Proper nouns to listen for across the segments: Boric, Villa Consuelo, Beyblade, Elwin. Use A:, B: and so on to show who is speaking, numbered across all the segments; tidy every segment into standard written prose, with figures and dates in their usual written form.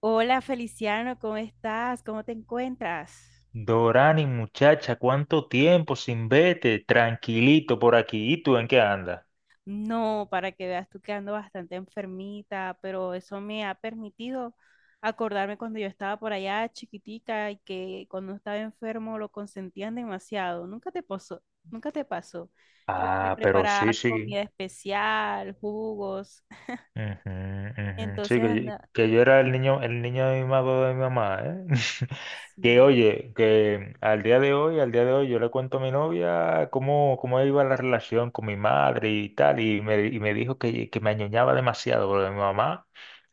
A: Hola Feliciano, ¿cómo estás? ¿Cómo te encuentras?
B: Dorani, muchacha, ¿cuánto tiempo sin vete? Tranquilito por aquí. ¿Y tú en qué andas?
A: No, para que veas tú que ando bastante enfermita, pero eso me ha permitido acordarme cuando yo estaba por allá chiquitica y que cuando estaba enfermo lo consentían demasiado. Nunca te pasó, nunca te pasó que te
B: Ah, pero sí,
A: preparaban
B: sí.
A: comida especial, jugos.
B: Ujú, ujú. Sí,
A: Entonces
B: que yo,
A: anda,
B: que yo era el niño de mi mamá, ¿eh? Que
A: sí.
B: oye, que al día de hoy, al día de hoy, yo le cuento a mi novia cómo iba la relación con mi madre y tal, y me dijo que me añoñaba demasiado, porque mi mamá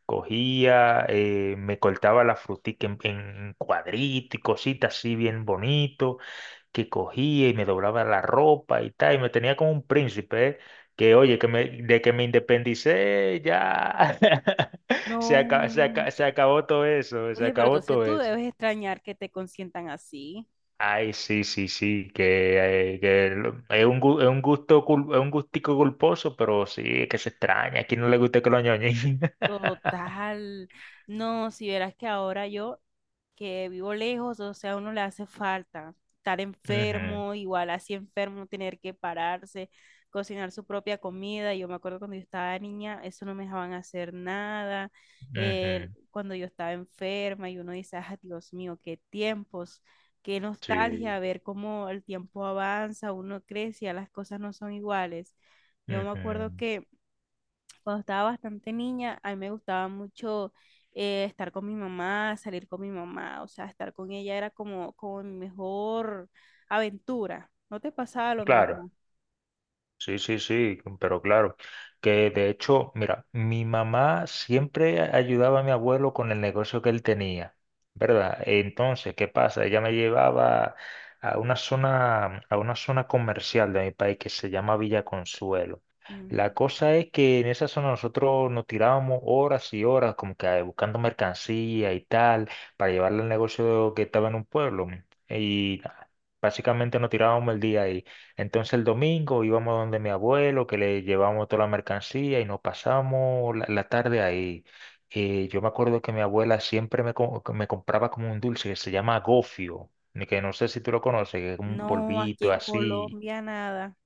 B: cogía, me cortaba la frutica en cuadritos y cositas así bien bonito, que cogía y me doblaba la ropa y tal, y me tenía como un príncipe, ¿eh? Que oye, de que me independicé, ya. Se acabó,
A: No.
B: se acabó todo eso, se
A: Oye, pero
B: acabó
A: entonces
B: todo
A: tú
B: eso.
A: debes extrañar que te consientan así.
B: Ay, sí, sí, sí, es un gusto, es un gustico culposo, pero sí, es que se extraña. ¿A quién no le gusta que lo ñoñen?
A: Total. No, si verás que ahora yo que vivo lejos, o sea, a uno le hace falta estar
B: Ujú,
A: enfermo, igual así enfermo, tener que pararse, cocinar su propia comida. Yo me acuerdo cuando yo estaba niña, eso no me dejaban hacer nada.
B: ujú,
A: Cuando yo estaba enferma y uno dice, ah, Dios mío, qué tiempos, qué
B: sí,
A: nostalgia, ver cómo el tiempo avanza, uno crece, ya las cosas no son iguales. Yo me acuerdo
B: ujú.
A: que cuando estaba bastante niña, a mí me gustaba mucho estar con mi mamá, salir con mi mamá, o sea, estar con ella era como, como mi mejor aventura. ¿No te pasaba lo
B: Claro.
A: mismo?
B: Sí, sí, sí, pero claro, que de hecho, mira, mi mamá siempre ayudaba a mi abuelo con el negocio que él tenía, ¿verdad? Entonces, ¿qué pasa? Ella me llevaba a una zona comercial de mi país que se llama Villa Consuelo. La
A: Ujú.
B: cosa es que en esa zona nosotros nos tirábamos horas y horas como que buscando mercancía y tal para llevarle al negocio que estaba en un pueblo. Y nada, básicamente nos tirábamos el día ahí. Entonces el domingo íbamos donde mi abuelo, que le llevamos toda la mercancía y nos pasamos la tarde ahí. Y yo me acuerdo que mi abuela siempre me compraba como un dulce que se llama gofio, ni que no sé si tú lo conoces, que es como un
A: No, aquí
B: polvito
A: en
B: así.
A: Colombia nada.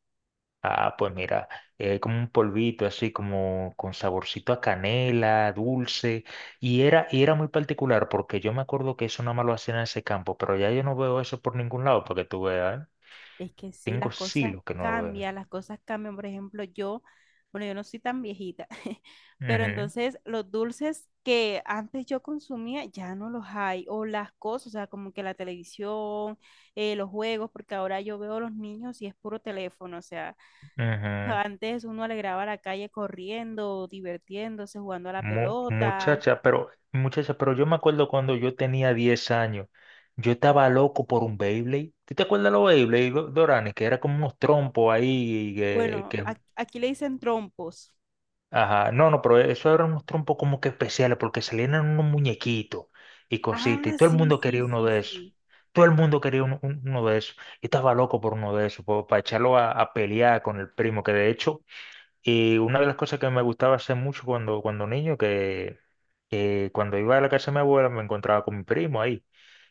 B: Ah, pues mira, es como un polvito así, como con saborcito a canela, dulce. Y era muy particular porque yo me acuerdo que eso nada más lo hacían en ese campo, pero ya yo no veo eso por ningún lado, porque tú veas, ¿eh?
A: Es que sí,
B: Tengo
A: las cosas
B: siglos que no lo veo.
A: cambian, las cosas cambian. Por ejemplo, yo, bueno, yo no soy tan viejita, pero
B: Ujú.
A: entonces los dulces que antes yo consumía ya no los hay, o las cosas, o sea, como que la televisión, los juegos, porque ahora yo veo a los niños y es puro teléfono, o sea,
B: Ujú.
A: antes uno alegraba la calle corriendo, divirtiéndose, jugando a la pelota.
B: Muchacha, pero muchacha, pero yo me acuerdo cuando yo tenía 10 años, yo estaba loco por un Beyblade. ¿Tú te acuerdas de los Beyblade, Dorani? Que era como unos trompos ahí
A: Bueno, aquí le dicen trompos.
B: ajá, no, no, pero eso eran unos trompos como que especiales porque salían en unos muñequitos y cositas y
A: Ah,
B: todo el
A: sí,
B: mundo
A: sí,
B: quería uno
A: sí,
B: de esos.
A: sí.
B: Todo el mundo quería uno de esos. Yo estaba loco por uno de esos, para echarlo a pelear con el primo, que de hecho. Y una de las cosas que me gustaba hacer mucho cuando niño, que cuando iba a la casa de mi abuela me encontraba con mi primo ahí.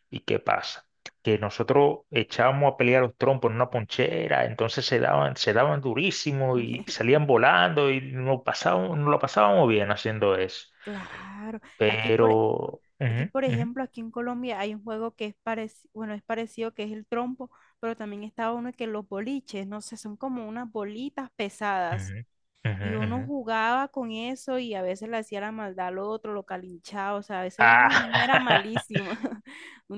B: ¿Y qué pasa? Que nosotros echábamos a pelear los trompos en una ponchera, entonces se daban durísimo y salían volando y nos lo pasábamos bien haciendo eso.
A: Claro, aquí por,
B: Pero,
A: aquí,
B: ujú,
A: por
B: ujú,
A: ejemplo, aquí en Colombia hay un juego que es parecido, bueno, es parecido que es el trompo, pero también está uno que los boliches, no sé, son como unas bolitas pesadas.
B: ujú, ujú,
A: Y uno
B: ujú.
A: jugaba con eso y a veces le hacía la maldad al otro, lo calinchaba. O sea, a veces uno de niño era
B: Ah,
A: malísimo.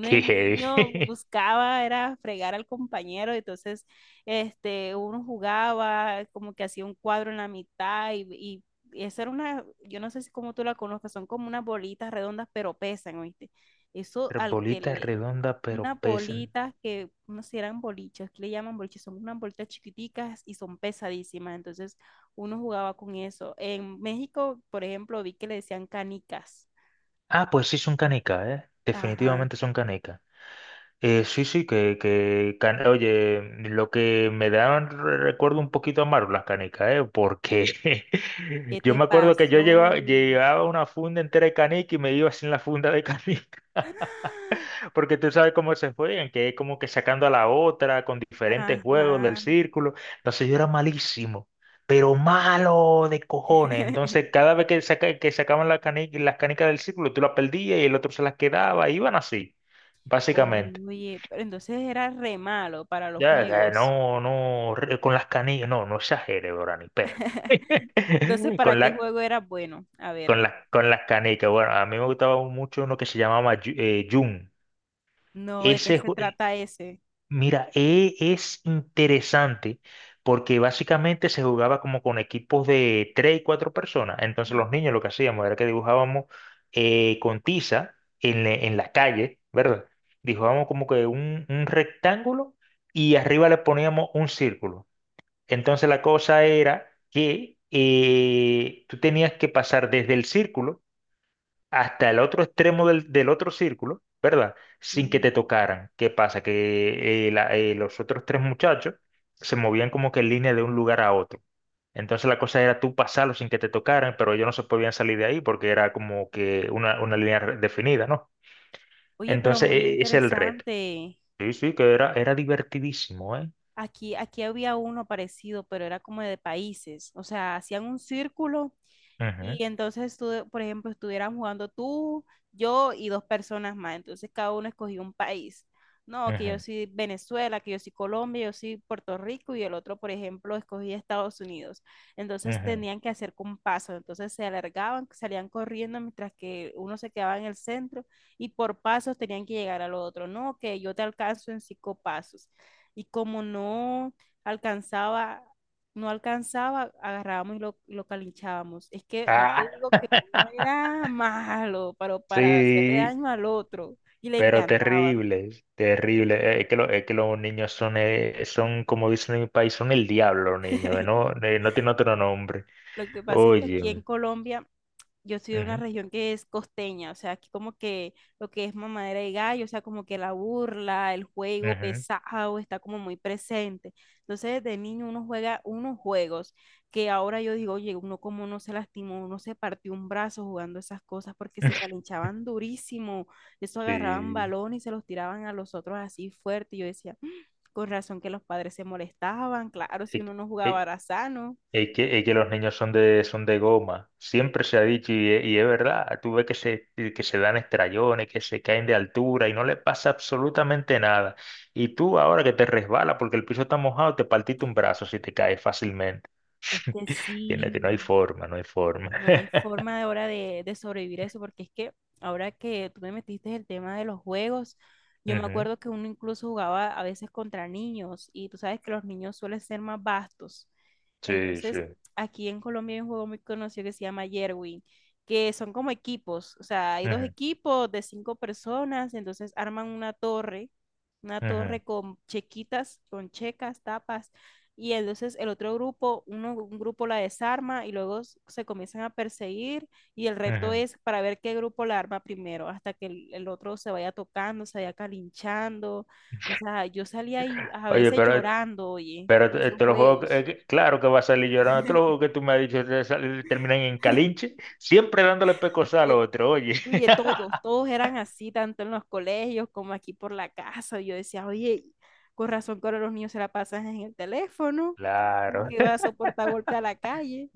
A: de
B: qué
A: niño
B: heavy.
A: buscaba, era fregar al compañero. Entonces, este, uno jugaba, como que hacía un cuadro en la mitad y y esa era una, yo no sé si como tú la conozcas, son como unas bolitas redondas, pero pesan, ¿oíste? Eso al que
B: Bolita
A: le,
B: redonda pero
A: unas
B: pesa.
A: bolitas que, no sé, eran boliches, que le llaman boliches, son unas bolitas chiquiticas y son pesadísimas, entonces uno jugaba con eso. En México, por ejemplo, vi que le decían canicas.
B: Ah, pues sí son canicas, ¿eh?
A: Ajá.
B: Definitivamente son canicas. Sí, sí, oye, lo que me dan recuerdo un poquito amargo las canicas, ¿eh? Porque
A: ¿Qué
B: yo
A: te
B: me acuerdo que yo llevaba,
A: pasó?
B: llevaba una funda entera de canica y me iba sin la funda de canica. Porque tú sabes cómo se juegan, que es como que sacando a la otra con diferentes juegos del
A: Ajá.
B: círculo. Entonces yo era malísimo, pero malo de cojones. Entonces cada vez que sacaban las canicas del círculo, tú las perdías y el otro se las quedaba. Iban así, básicamente.
A: Oye, pero entonces era re malo para los
B: Ya, ya,
A: juegos.
B: no, no, con las canicas, no, no exagere, bro, ni perro.
A: Entonces, ¿para
B: Con
A: qué
B: la,
A: juego era bueno? A
B: con
A: ver,
B: las con las canicas. Bueno, a mí me gustaba mucho uno que se llamaba Jun.
A: no, ¿de qué
B: Ese,
A: se trata ese?
B: Mira, es interesante porque básicamente se jugaba como con equipos de tres y cuatro personas. Entonces los
A: Ujú.
B: niños lo que hacíamos era que dibujábamos con tiza en la calle, ¿verdad? Dibujábamos como que un rectángulo y arriba le poníamos un círculo. Entonces la cosa era que tú tenías que pasar desde el círculo hasta el otro extremo del otro círculo, ¿verdad? Sin que
A: Mm.
B: te tocaran. ¿Qué pasa? Que los otros tres muchachos se movían como que en línea de un lugar a otro. Entonces la cosa era tú pasarlo sin que te tocaran, pero ellos no se podían salir de ahí porque era como que una línea definida, ¿no?
A: Oye, pero
B: Entonces
A: muy
B: ese es el reto.
A: interesante.
B: Sí, sí, que era divertidísimo. Eh
A: Aquí, aquí había uno parecido, pero era como de países. O sea, hacían un círculo
B: Ujú,
A: y entonces, tú, por ejemplo, estuvieran jugando tú, yo y dos personas más. Entonces, cada uno escogió un país. No, que yo
B: ujú,
A: soy Venezuela, que yo soy Colombia, yo soy Puerto Rico y el otro, por ejemplo, escogía Estados Unidos. Entonces,
B: ujú.
A: tenían que hacer compasos. Entonces, se alargaban, salían corriendo mientras que uno se quedaba en el centro y por pasos tenían que llegar al otro. No, que yo te alcanzo en 5 pasos. Y como alcanzaba no alcanzaba, agarrábamos y lo calinchábamos. Es que no
B: Ah,
A: te digo que uno era malo, pero para hacerle
B: sí.
A: daño al otro y le
B: Pero
A: encantaba.
B: terribles, terribles. Es que los niños son, como dicen en mi país, son el diablo, los niños. No, no tiene otro nombre.
A: Lo que pasa es que aquí en
B: Óyeme.
A: Colombia yo soy de una
B: Ujú,
A: región que es costeña, o sea, aquí como que lo que es mamadera y gallo, o sea, como que la burla, el juego
B: ujú.
A: pesado está como muy presente. Entonces, desde niño uno juega unos juegos que ahora yo digo, oye, uno como no se lastimó, uno se partió un brazo jugando esas cosas porque se calinchaban durísimo, eso agarraban
B: Sí.
A: balón y se los tiraban a los otros así fuerte. Y yo decía: "Mm, con razón que los padres se molestaban, claro, si
B: Es,
A: uno no jugaba
B: es-
A: era sano."
B: es que los niños son de goma. Siempre se ha dicho, y es verdad, tú ves que se dan estrellones, que se caen de altura y no le pasa absolutamente nada. Y tú ahora que te resbala porque el piso está mojado, te partiste un brazo si te caes fácilmente.
A: Es que
B: Que no hay
A: sí,
B: forma, no hay forma.
A: no hay forma de ahora de sobrevivir a eso, porque es que ahora que tú me metiste el tema de los juegos, yo me
B: Ujú,
A: acuerdo que uno incluso jugaba a veces contra niños y tú sabes que los niños suelen ser más vastos.
B: sí, sí.
A: Entonces, aquí en Colombia hay un juego muy conocido que se llama Yerwin, que son como equipos, o sea, hay dos
B: Ujú,
A: equipos de 5 personas, entonces arman una
B: ujú,
A: torre con chequitas, con checas, tapas, y entonces el otro grupo, uno, un grupo la desarma y luego se comienzan a perseguir y el reto
B: ujú.
A: es para ver qué grupo la arma primero, hasta que el otro se vaya tocando, se vaya calinchando, o sea, yo salía ahí a
B: Oye,
A: veces
B: pero,
A: llorando, oye,
B: pero
A: de
B: te-
A: esos
B: te los juegos,
A: juegos.
B: que- claro que va a salir llorando. Todos los juegos que tú me has dicho terminan en calinche, siempre dándole pecosal al
A: eh,
B: otro, oye.
A: Oye, todos, todos eran así, tanto en los colegios como aquí por la casa. Yo decía, oye, con razón que ahora los niños se la pasan en el teléfono, no
B: Claro.
A: que va a soportar golpe a la calle.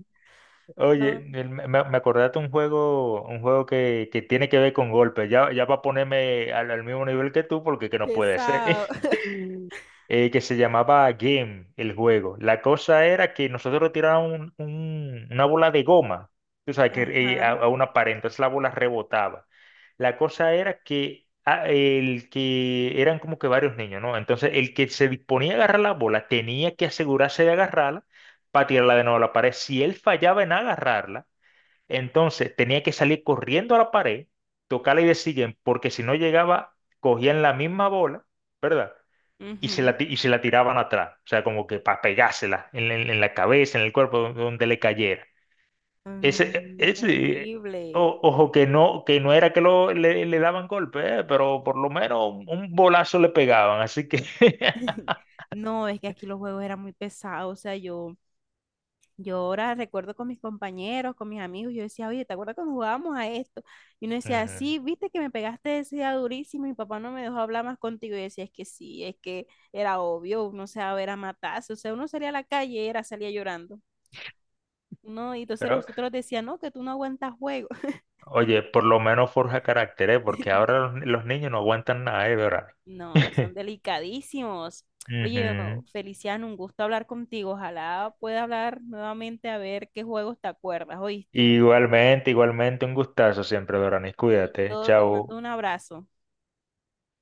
B: Oye,
A: No,
B: me acordaste un juego, un juego que tiene que ver con golpes. Ya, ya va a ponerme al mismo nivel que tú porque que no puede ser.
A: pesado.
B: Que se llamaba Game, el juego. La cosa era que nosotros tirábamos una bola de goma, tú sabes, que, eh,
A: Ajá.
B: a, a una pared, entonces la bola rebotaba. La cosa era que el que eran como que varios niños, ¿no? Entonces el que se disponía a agarrar la bola tenía que asegurarse de agarrarla para tirarla de nuevo a la pared. Si él fallaba en agarrarla, entonces tenía que salir corriendo a la pared, tocarla y decir, porque si no llegaba, cogían la misma bola, ¿verdad? y se
A: Ujú.
B: la, ti- y se la tiraban atrás, o sea, como que para pegársela en la cabeza, en el cuerpo, donde le cayera.
A: No,
B: Ese,
A: no,
B: ese,
A: terrible.
B: ojo, que no era que le daban golpe, pero por lo menos un bolazo le pegaban, así que.
A: No, es que aquí los juegos eran muy pesados, o sea, yo yo ahora recuerdo con mis compañeros, con mis amigos, yo decía, oye, ¿te acuerdas cuando jugábamos a esto? Y uno decía,
B: Ujú.
A: sí, viste que me pegaste ese día durísimo y mi papá no me dejó hablar más contigo. Y yo decía, es que sí, es que era obvio, uno se va a ver a matarse, o sea, uno salía a la calle y era, salía llorando. No, y entonces
B: Pero,
A: los otros decían, no, que tú no aguantas juego.
B: oye, por lo menos forja carácter, porque ahora los niños no aguantan nada, ¿eh, Dorani?
A: No, ahora son delicadísimos. Oye, oh,
B: Ujú.
A: Feliciano, un gusto hablar contigo. Ojalá pueda hablar nuevamente a ver qué juegos te acuerdas, ¿oíste?
B: Igualmente, igualmente, un gustazo siempre, Dorani. Cuídate,
A: Listo, te mando
B: chao.
A: un abrazo.